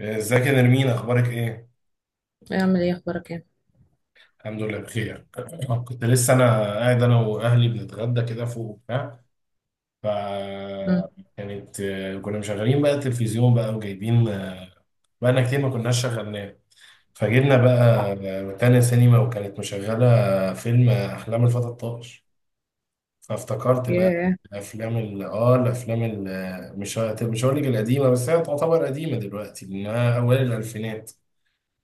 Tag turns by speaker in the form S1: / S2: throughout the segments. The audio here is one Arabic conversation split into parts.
S1: ازيك يا نرمين، اخبارك ايه؟
S2: اعمل ايه، اخبارك ايه؟
S1: الحمد لله بخير. كنت لسه انا واهلي بنتغدى كده فوق وبتاع. ف
S2: مم.
S1: كانت كنا مشغلين بقى التلفزيون بقى وجايبين، بقالنا كتير ما كناش شغلناه. فجبنا بقى تانية سينما وكانت مشغلة فيلم أحلام الفتى الطائش. فافتكرت بقى
S2: ياه.
S1: الأفلام ال مش هقول لك القديمة، بس هي تعتبر قديمة دلوقتي لأنها أوائل الألفينات.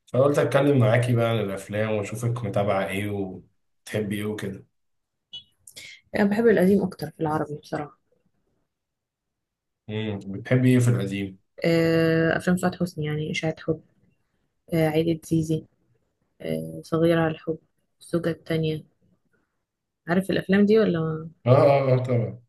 S1: فقلت اتكلم معاكي بقى عن الافلام واشوفك متابعه ايه وبتحبي ايه وكده.
S2: انا بحب القديم اكتر في العربي بصراحه.
S1: بتحبي ايه في القديم؟
S2: افلام سعاد حسني يعني اشاعه حب. عيله زيزي. صغيره على الحب. الزوجه التانية. عارف الافلام دي ولا؟
S1: اه اه اه طبعا.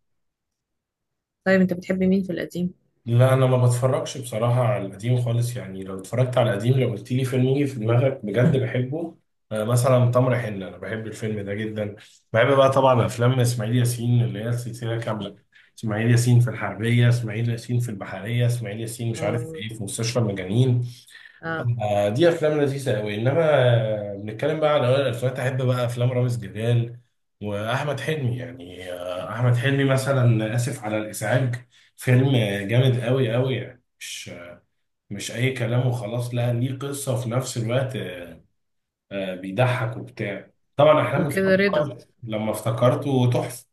S2: طيب انت بتحب مين في القديم؟
S1: لا انا ما بتفرجش بصراحه على القديم خالص، يعني لو اتفرجت على القديم، لو قلت لي فيلم يجي في دماغك بجد بحبه، مثلا تمر حنه، انا بحب الفيلم ده جدا. بحب بقى طبعا افلام اسماعيل ياسين اللي هي السلسله كامله، اسماعيل ياسين في الحربيه، اسماعيل ياسين في البحريه، اسماعيل ياسين مش عارف
S2: اه،
S1: ايه في مستشفى المجانين.
S2: اه،
S1: دي افلام لذيذه قوي، انما بنتكلم بقى على اوائل الالفينات، احب بقى افلام رامز جلال واحمد حلمي، يعني احمد حلمي مثلا اسف على الازعاج. فيلم جامد قوي قوي، يعني مش اي كلام وخلاص، لا ليه قصه وفي نفس الوقت بيضحك وبتاع. طبعا احلام
S2: وكده
S1: الفيلم
S2: رضا.
S1: لما افتكرته تحفه.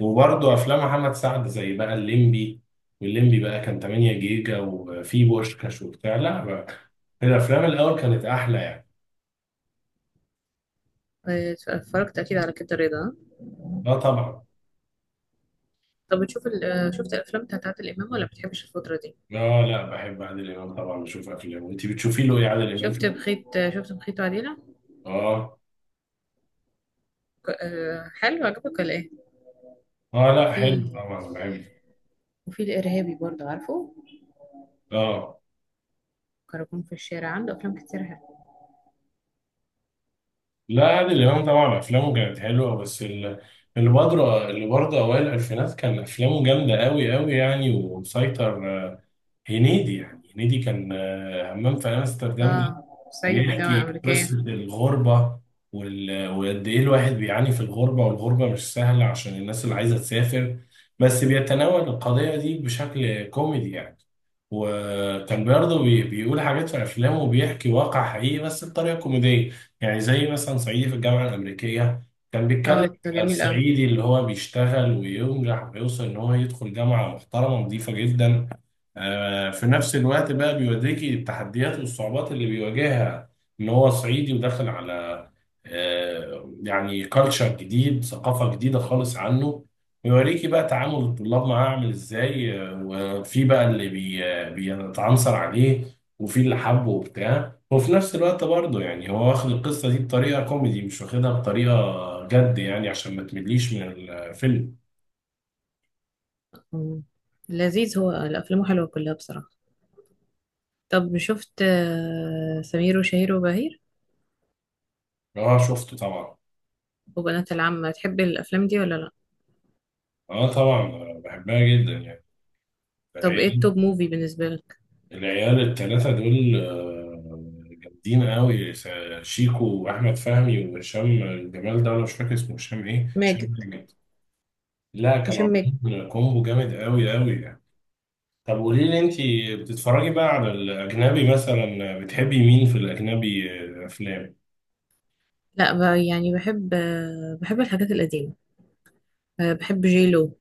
S1: وبرضه افلام محمد سعد زي بقى الليمبي، والليمبي بقى كان 8 جيجا وفي بوشكاش وبتاع. لا بقى الافلام الاول كانت احلى يعني.
S2: اتفرجت اكيد على كده رضا، آه؟
S1: اه طبعا.
S2: طب بتشوف شفت الافلام بتاعت عادل امام، ولا بتحبش الفتره دي؟
S1: اه لا بحب عادل امام طبعا بشوف افلامه، انت بتشوفي له ايه عادل امام؟
S2: شفت بخيت، شفت بخيت وعديله.
S1: اه.
S2: حلو، عجبك ولا ايه؟
S1: اه لا حلو
S2: وفي
S1: طبعا بحبه.
S2: وفي الارهابي برضه، عارفه.
S1: اه
S2: كراكون في الشارع، عنده افلام كتير حلوة.
S1: لا عادل إمام طبعا أفلامه كانت حلوة، بس اللي برضه أوائل الألفينات كان أفلامه جامدة أوي أوي يعني ومسيطر. هنيدي، كان همام في أمستردام،
S2: اه، صعيدي في الجامعة
S1: بيحكي
S2: الأمريكية.
S1: قصة الغربة وقد إيه الواحد بيعاني في الغربة، والغربة مش سهلة عشان الناس اللي عايزة تسافر، بس بيتناول القضية دي بشكل كوميدي يعني. وكان برضه بيقول حاجات في أفلامه وبيحكي واقع حقيقي بس بطريقة كوميدية، يعني زي مثلا صعيدي في الجامعة الأمريكية، كان بيتكلم
S2: اه، ده
S1: على
S2: جميل أوي.
S1: الصعيدي اللي هو بيشتغل وينجح ويوصل إن هو يدخل جامعة محترمة نظيفة جدا. في نفس الوقت بقى بيوريكي التحديات والصعوبات اللي بيواجهها ان هو صعيدي وداخل على يعني كالتشر جديد، ثقافة جديده خالص عنه. ويوريكي بقى تعامل الطلاب معاه عامل ازاي. وفي بقى اللي بي آه، بيتعنصر عليه، وفي اللي حبه وبتاع، وفي نفس الوقت برضه يعني هو واخد القصة دي بطريقة كوميدي، مش واخدها بطريقة جد، يعني عشان ما تمليش من الفيلم.
S2: مم. لذيذ، هو الأفلام حلوة كلها بصراحة. طب شفت سمير وشهير وبهير
S1: اه شفته طبعا.
S2: وبنات العم؟ تحب الأفلام دي ولا لأ؟
S1: اه طبعا، بحبها جدا
S2: طب إيه
S1: يعني.
S2: التوب موفي بالنسبة لك؟
S1: العيال التلاتة دول جامدين قوي. شيكو وأحمد فهمي وهشام، الجمال ده أنا مش فاكر اسمه، هشام إيه؟
S2: ماجد.
S1: هشام جامد. لا
S2: هشام
S1: كانوا
S2: ماجد.
S1: عاملين كومبو جامد قوي قوي يعني. طب قولي لي أنت، بتتفرجي بقى على الأجنبي؟ مثلا بتحبي مين في الأجنبي، أفلام؟
S2: لأ بقى، يعني بحب بحب الحاجات القديمة. بحب جيلو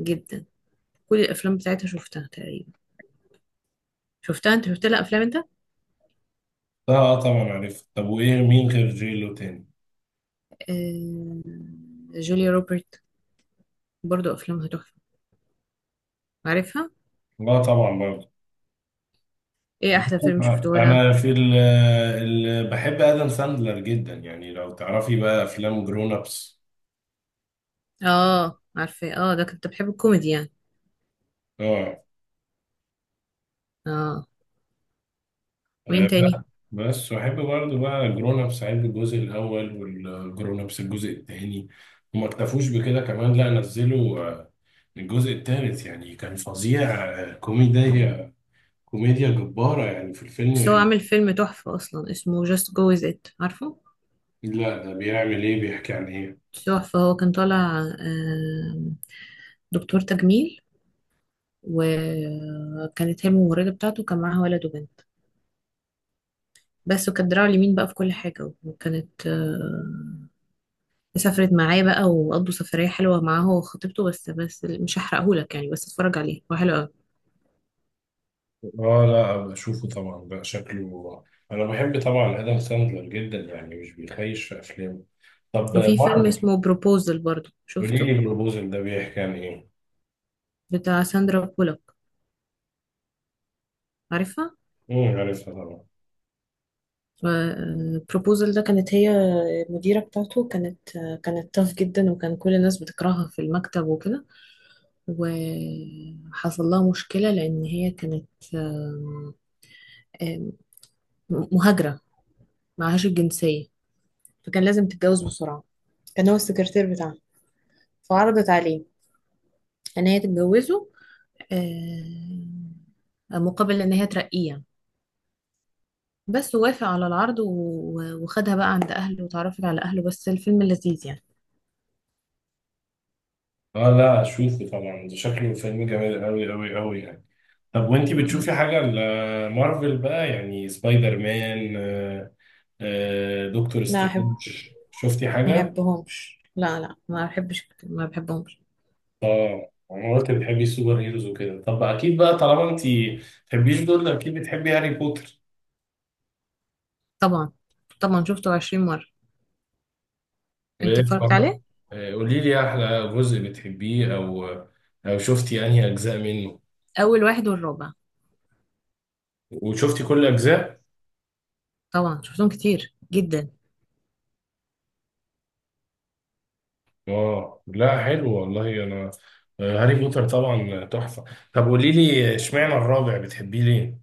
S2: جدا. كل الأفلام بتاعتها شفتها تقريبا. شفتها؟ أنت شفت لها أفلام أنت؟
S1: لا طبعا عارف. طب وإيه مين غير جيلو تاني؟
S2: آه، جوليا روبرت، برضو أفلامها تحفة، عارفها؟
S1: لا طبعا برضه.
S2: إيه أحلى فيلم شفته لها؟
S1: أنا في بحب آدم ساندلر جدا، يعني لو تعرفي بقى أفلام جرون أبس.
S2: اه عارفة، اه ده كنت بحب الكوميدي يعني.
S1: اه.
S2: اه. مين تاني؟
S1: بقى بس واحب برضه بقى جرون ابس، احب الجزء الاول والجرون ابس الجزء الثاني، وما اكتفوش بكده كمان، لا نزلوا الجزء الثالث، يعني كان فظيع. كوميديا كوميديا جبارة يعني في
S2: بس هو
S1: الفيلم.
S2: عامل فيلم تحفة اصلا اسمه Just Go With It، عارفه؟
S1: لا ده بيعمل ايه؟ بيحكي عن ايه؟
S2: تحفة. هو كان طالع دكتور تجميل، وكانت هي الممرضة بتاعته، كان معاها ولد وبنت بس. وكانت دراعه اليمين بقى في كل حاجة، وكانت سافرت معاه بقى وقضوا سفرية حلوة معاه هو وخطيبته. بس مش هحرقهولك يعني، بس اتفرج عليه، هو حلو قوي.
S1: اه لا بشوفه طبعا بقى، شكله. انا بحب طبعا ادم ساندلر جدا يعني، مش بيخيش في افلامه. طب
S2: وفي فيلم
S1: مارفل.
S2: اسمه بروبوزل برضه،
S1: قولي
S2: شفته؟
S1: لي بروبوزل ده بيحكي عن ايه؟
S2: بتاع ساندرا بولوك، عارفها؟
S1: عارفها طبعا.
S2: فالبروبوزل ده، كانت هي المديرة بتاعته. كانت تاف جدا، وكان كل الناس بتكرهها في المكتب وكده. وحصل لها مشكلة، لأن هي كانت آم، آم، مهاجرة، معهاش الجنسية. فكان لازم تتجوز بسرعة. كان هو السكرتير بتاعها، فعرضت عليه إن هي تتجوزه، آم، مقابل إن هي ترقيه يعني. بس وافق على العرض وخدها بقى عند أهله وتعرفت على أهله. بس الفيلم لذيذ يعني.
S1: اه لا اشوفه طبعا، ده شكله فيلم جميل قوي قوي قوي يعني. طب وانتي
S2: م.
S1: بتشوفي حاجة لمارفل بقى؟ يعني سبايدر مان، دكتور
S2: لا أحب.
S1: سترينج، شفتي
S2: ما
S1: حاجة؟
S2: بحبهمش، لا لا، ما بحبش، ما بحبهمش.
S1: اه انا قلت بتحبي السوبر هيروز وكده. طب اكيد بقى طالما انتي بتحبيش دول، اكيد بتحبي هاري بوتر.
S2: طبعا، طبعا شفته 20 مرة. انت
S1: وايه
S2: اتفرجت
S1: بقى؟
S2: عليه؟
S1: قولي لي احلى جزء بتحبيه، او شفتي انهي اجزاء منه.
S2: اول واحد والرابع.
S1: وشفتي كل اجزاء؟
S2: طبعا شفتهم كتير جدا.
S1: اه لا حلو والله. انا هاري بوتر طبعا تحفة. طب قولي لي اشمعنى الرابع بتحبيه ليه؟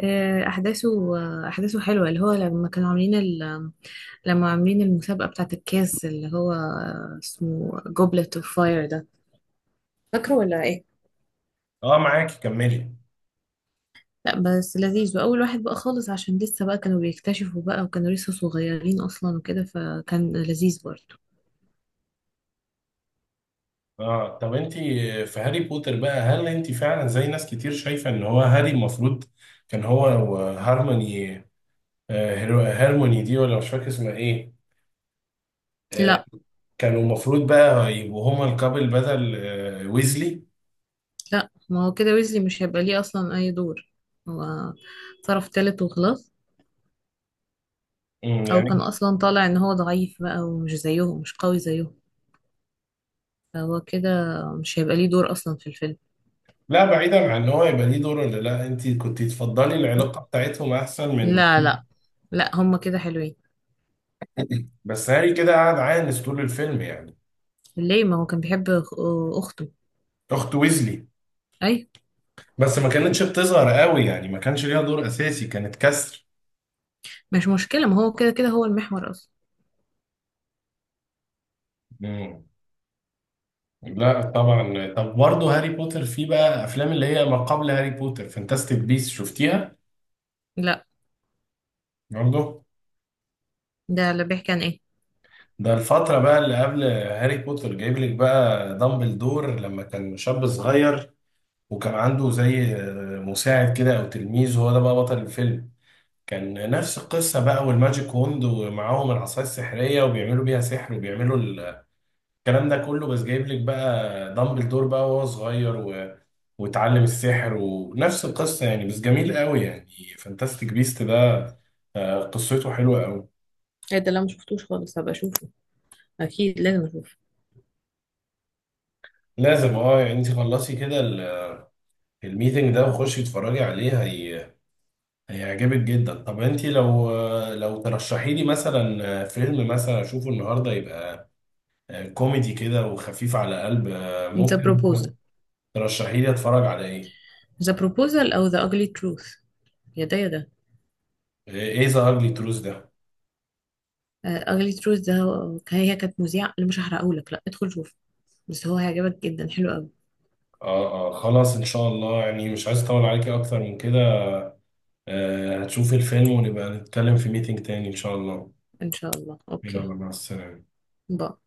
S2: آه، احداثه احداثه حلوة، اللي هو لما كانوا عاملين لما عاملين المسابقة بتاعة الكاس، اللي هو اسمه جوبلت اوف فاير ده، فاكره ولا ايه؟
S1: اه معاكي كملي.
S2: لا بس لذيذ، واول واحد بقى خالص عشان لسه بقى كانوا بيكتشفوا بقى وكانوا لسه صغيرين اصلا وكده، فكان لذيذ برضه.
S1: اه طب انت في هاري بوتر بقى، هل انت فعلا زي ناس كتير شايفة ان هو هاري المفروض كان هو وهارموني، هارموني دي، ولا مش فاكر اسمها ايه، آه،
S2: لا
S1: كانوا المفروض بقى يبقوا هما الكابل بدل ويزلي.
S2: لا، ما هو كده ويزلي مش هيبقى ليه اصلا اي دور. هو طرف تالت وخلاص.
S1: مم،
S2: او كان
S1: يعني.
S2: اصلا طالع ان هو ضعيف بقى ومش زيهم، مش قوي زيهم. فهو كده مش هيبقى ليه دور اصلا في الفيلم.
S1: لا بعيدا عن ان هو يبقى ليه دور ولا لا، انت كنت تفضلي العلاقة بتاعتهم احسن من؟
S2: لا، لا، لا، هما كده حلوين.
S1: بس هاري كده قعد عانس طول الفيلم يعني.
S2: ليه، ما هو كان بيحب اخته.
S1: اخت ويزلي.
S2: اي.
S1: بس ما كانتش بتظهر قوي يعني، ما كانش ليها دور اساسي، كانت كسر.
S2: مش مشكلة، ما هو كده كده هو المحور اصلا.
S1: مم. لا طبعا. طب برضه هاري بوتر فيه بقى افلام اللي هي ما قبل هاري بوتر، فانتاستيك بيس، شفتيها؟
S2: لا،
S1: برضه.
S2: ده اللي بيحكي عن ايه؟
S1: ده الفترة بقى اللي قبل هاري بوتر، جايب لك بقى دامبلدور لما كان شاب صغير، وكان عنده زي مساعد كده او تلميذ، هو ده بقى بطل الفيلم. كان نفس القصة بقى، والماجيك وند، ومعاهم العصاية السحرية وبيعملوا بيها سحر، وبيعملوا الكلام ده كله، بس جايب لك بقى دامبلدور بقى وهو صغير واتعلم السحر، ونفس القصة يعني بس جميل قوي يعني. فانتاستيك بيست ده قصته حلوة قوي.
S2: ايه ده، لا مش شفتوش خالص، هبقى اشوفه اكيد، لازم اشوفه.
S1: لازم، اه يعني انت خلصي كده الميتنج ده وخشي اتفرجي عليه، هيعجبك جدا. طب انت لو، لو ترشحي لي مثلا فيلم مثلا اشوفه النهارده، يبقى كوميدي كده وخفيف على قلب،
S2: The
S1: ممكن
S2: Proposal.
S1: ترشحي لي اتفرج على ايه؟
S2: The Proposal او The Ugly Truth، يا ده يا ده.
S1: ايه؟ ذا اجلي تروث ده؟
S2: اغلي تروز ده، هي كانت مذيعة، اللي مش هحرقهولك، لا ادخل شوف، بس هو هيعجبك جدا، حلو قوي.
S1: اه اه خلاص ان شاء الله، يعني مش عايز اطول عليكي اكتر من كده. هتشوفي الفيلم ونبقى نتكلم في ميتنج تاني ان شاء الله.
S2: ان شاء الله.
S1: يلا
S2: اوكي.
S1: مع السلامة.
S2: باي.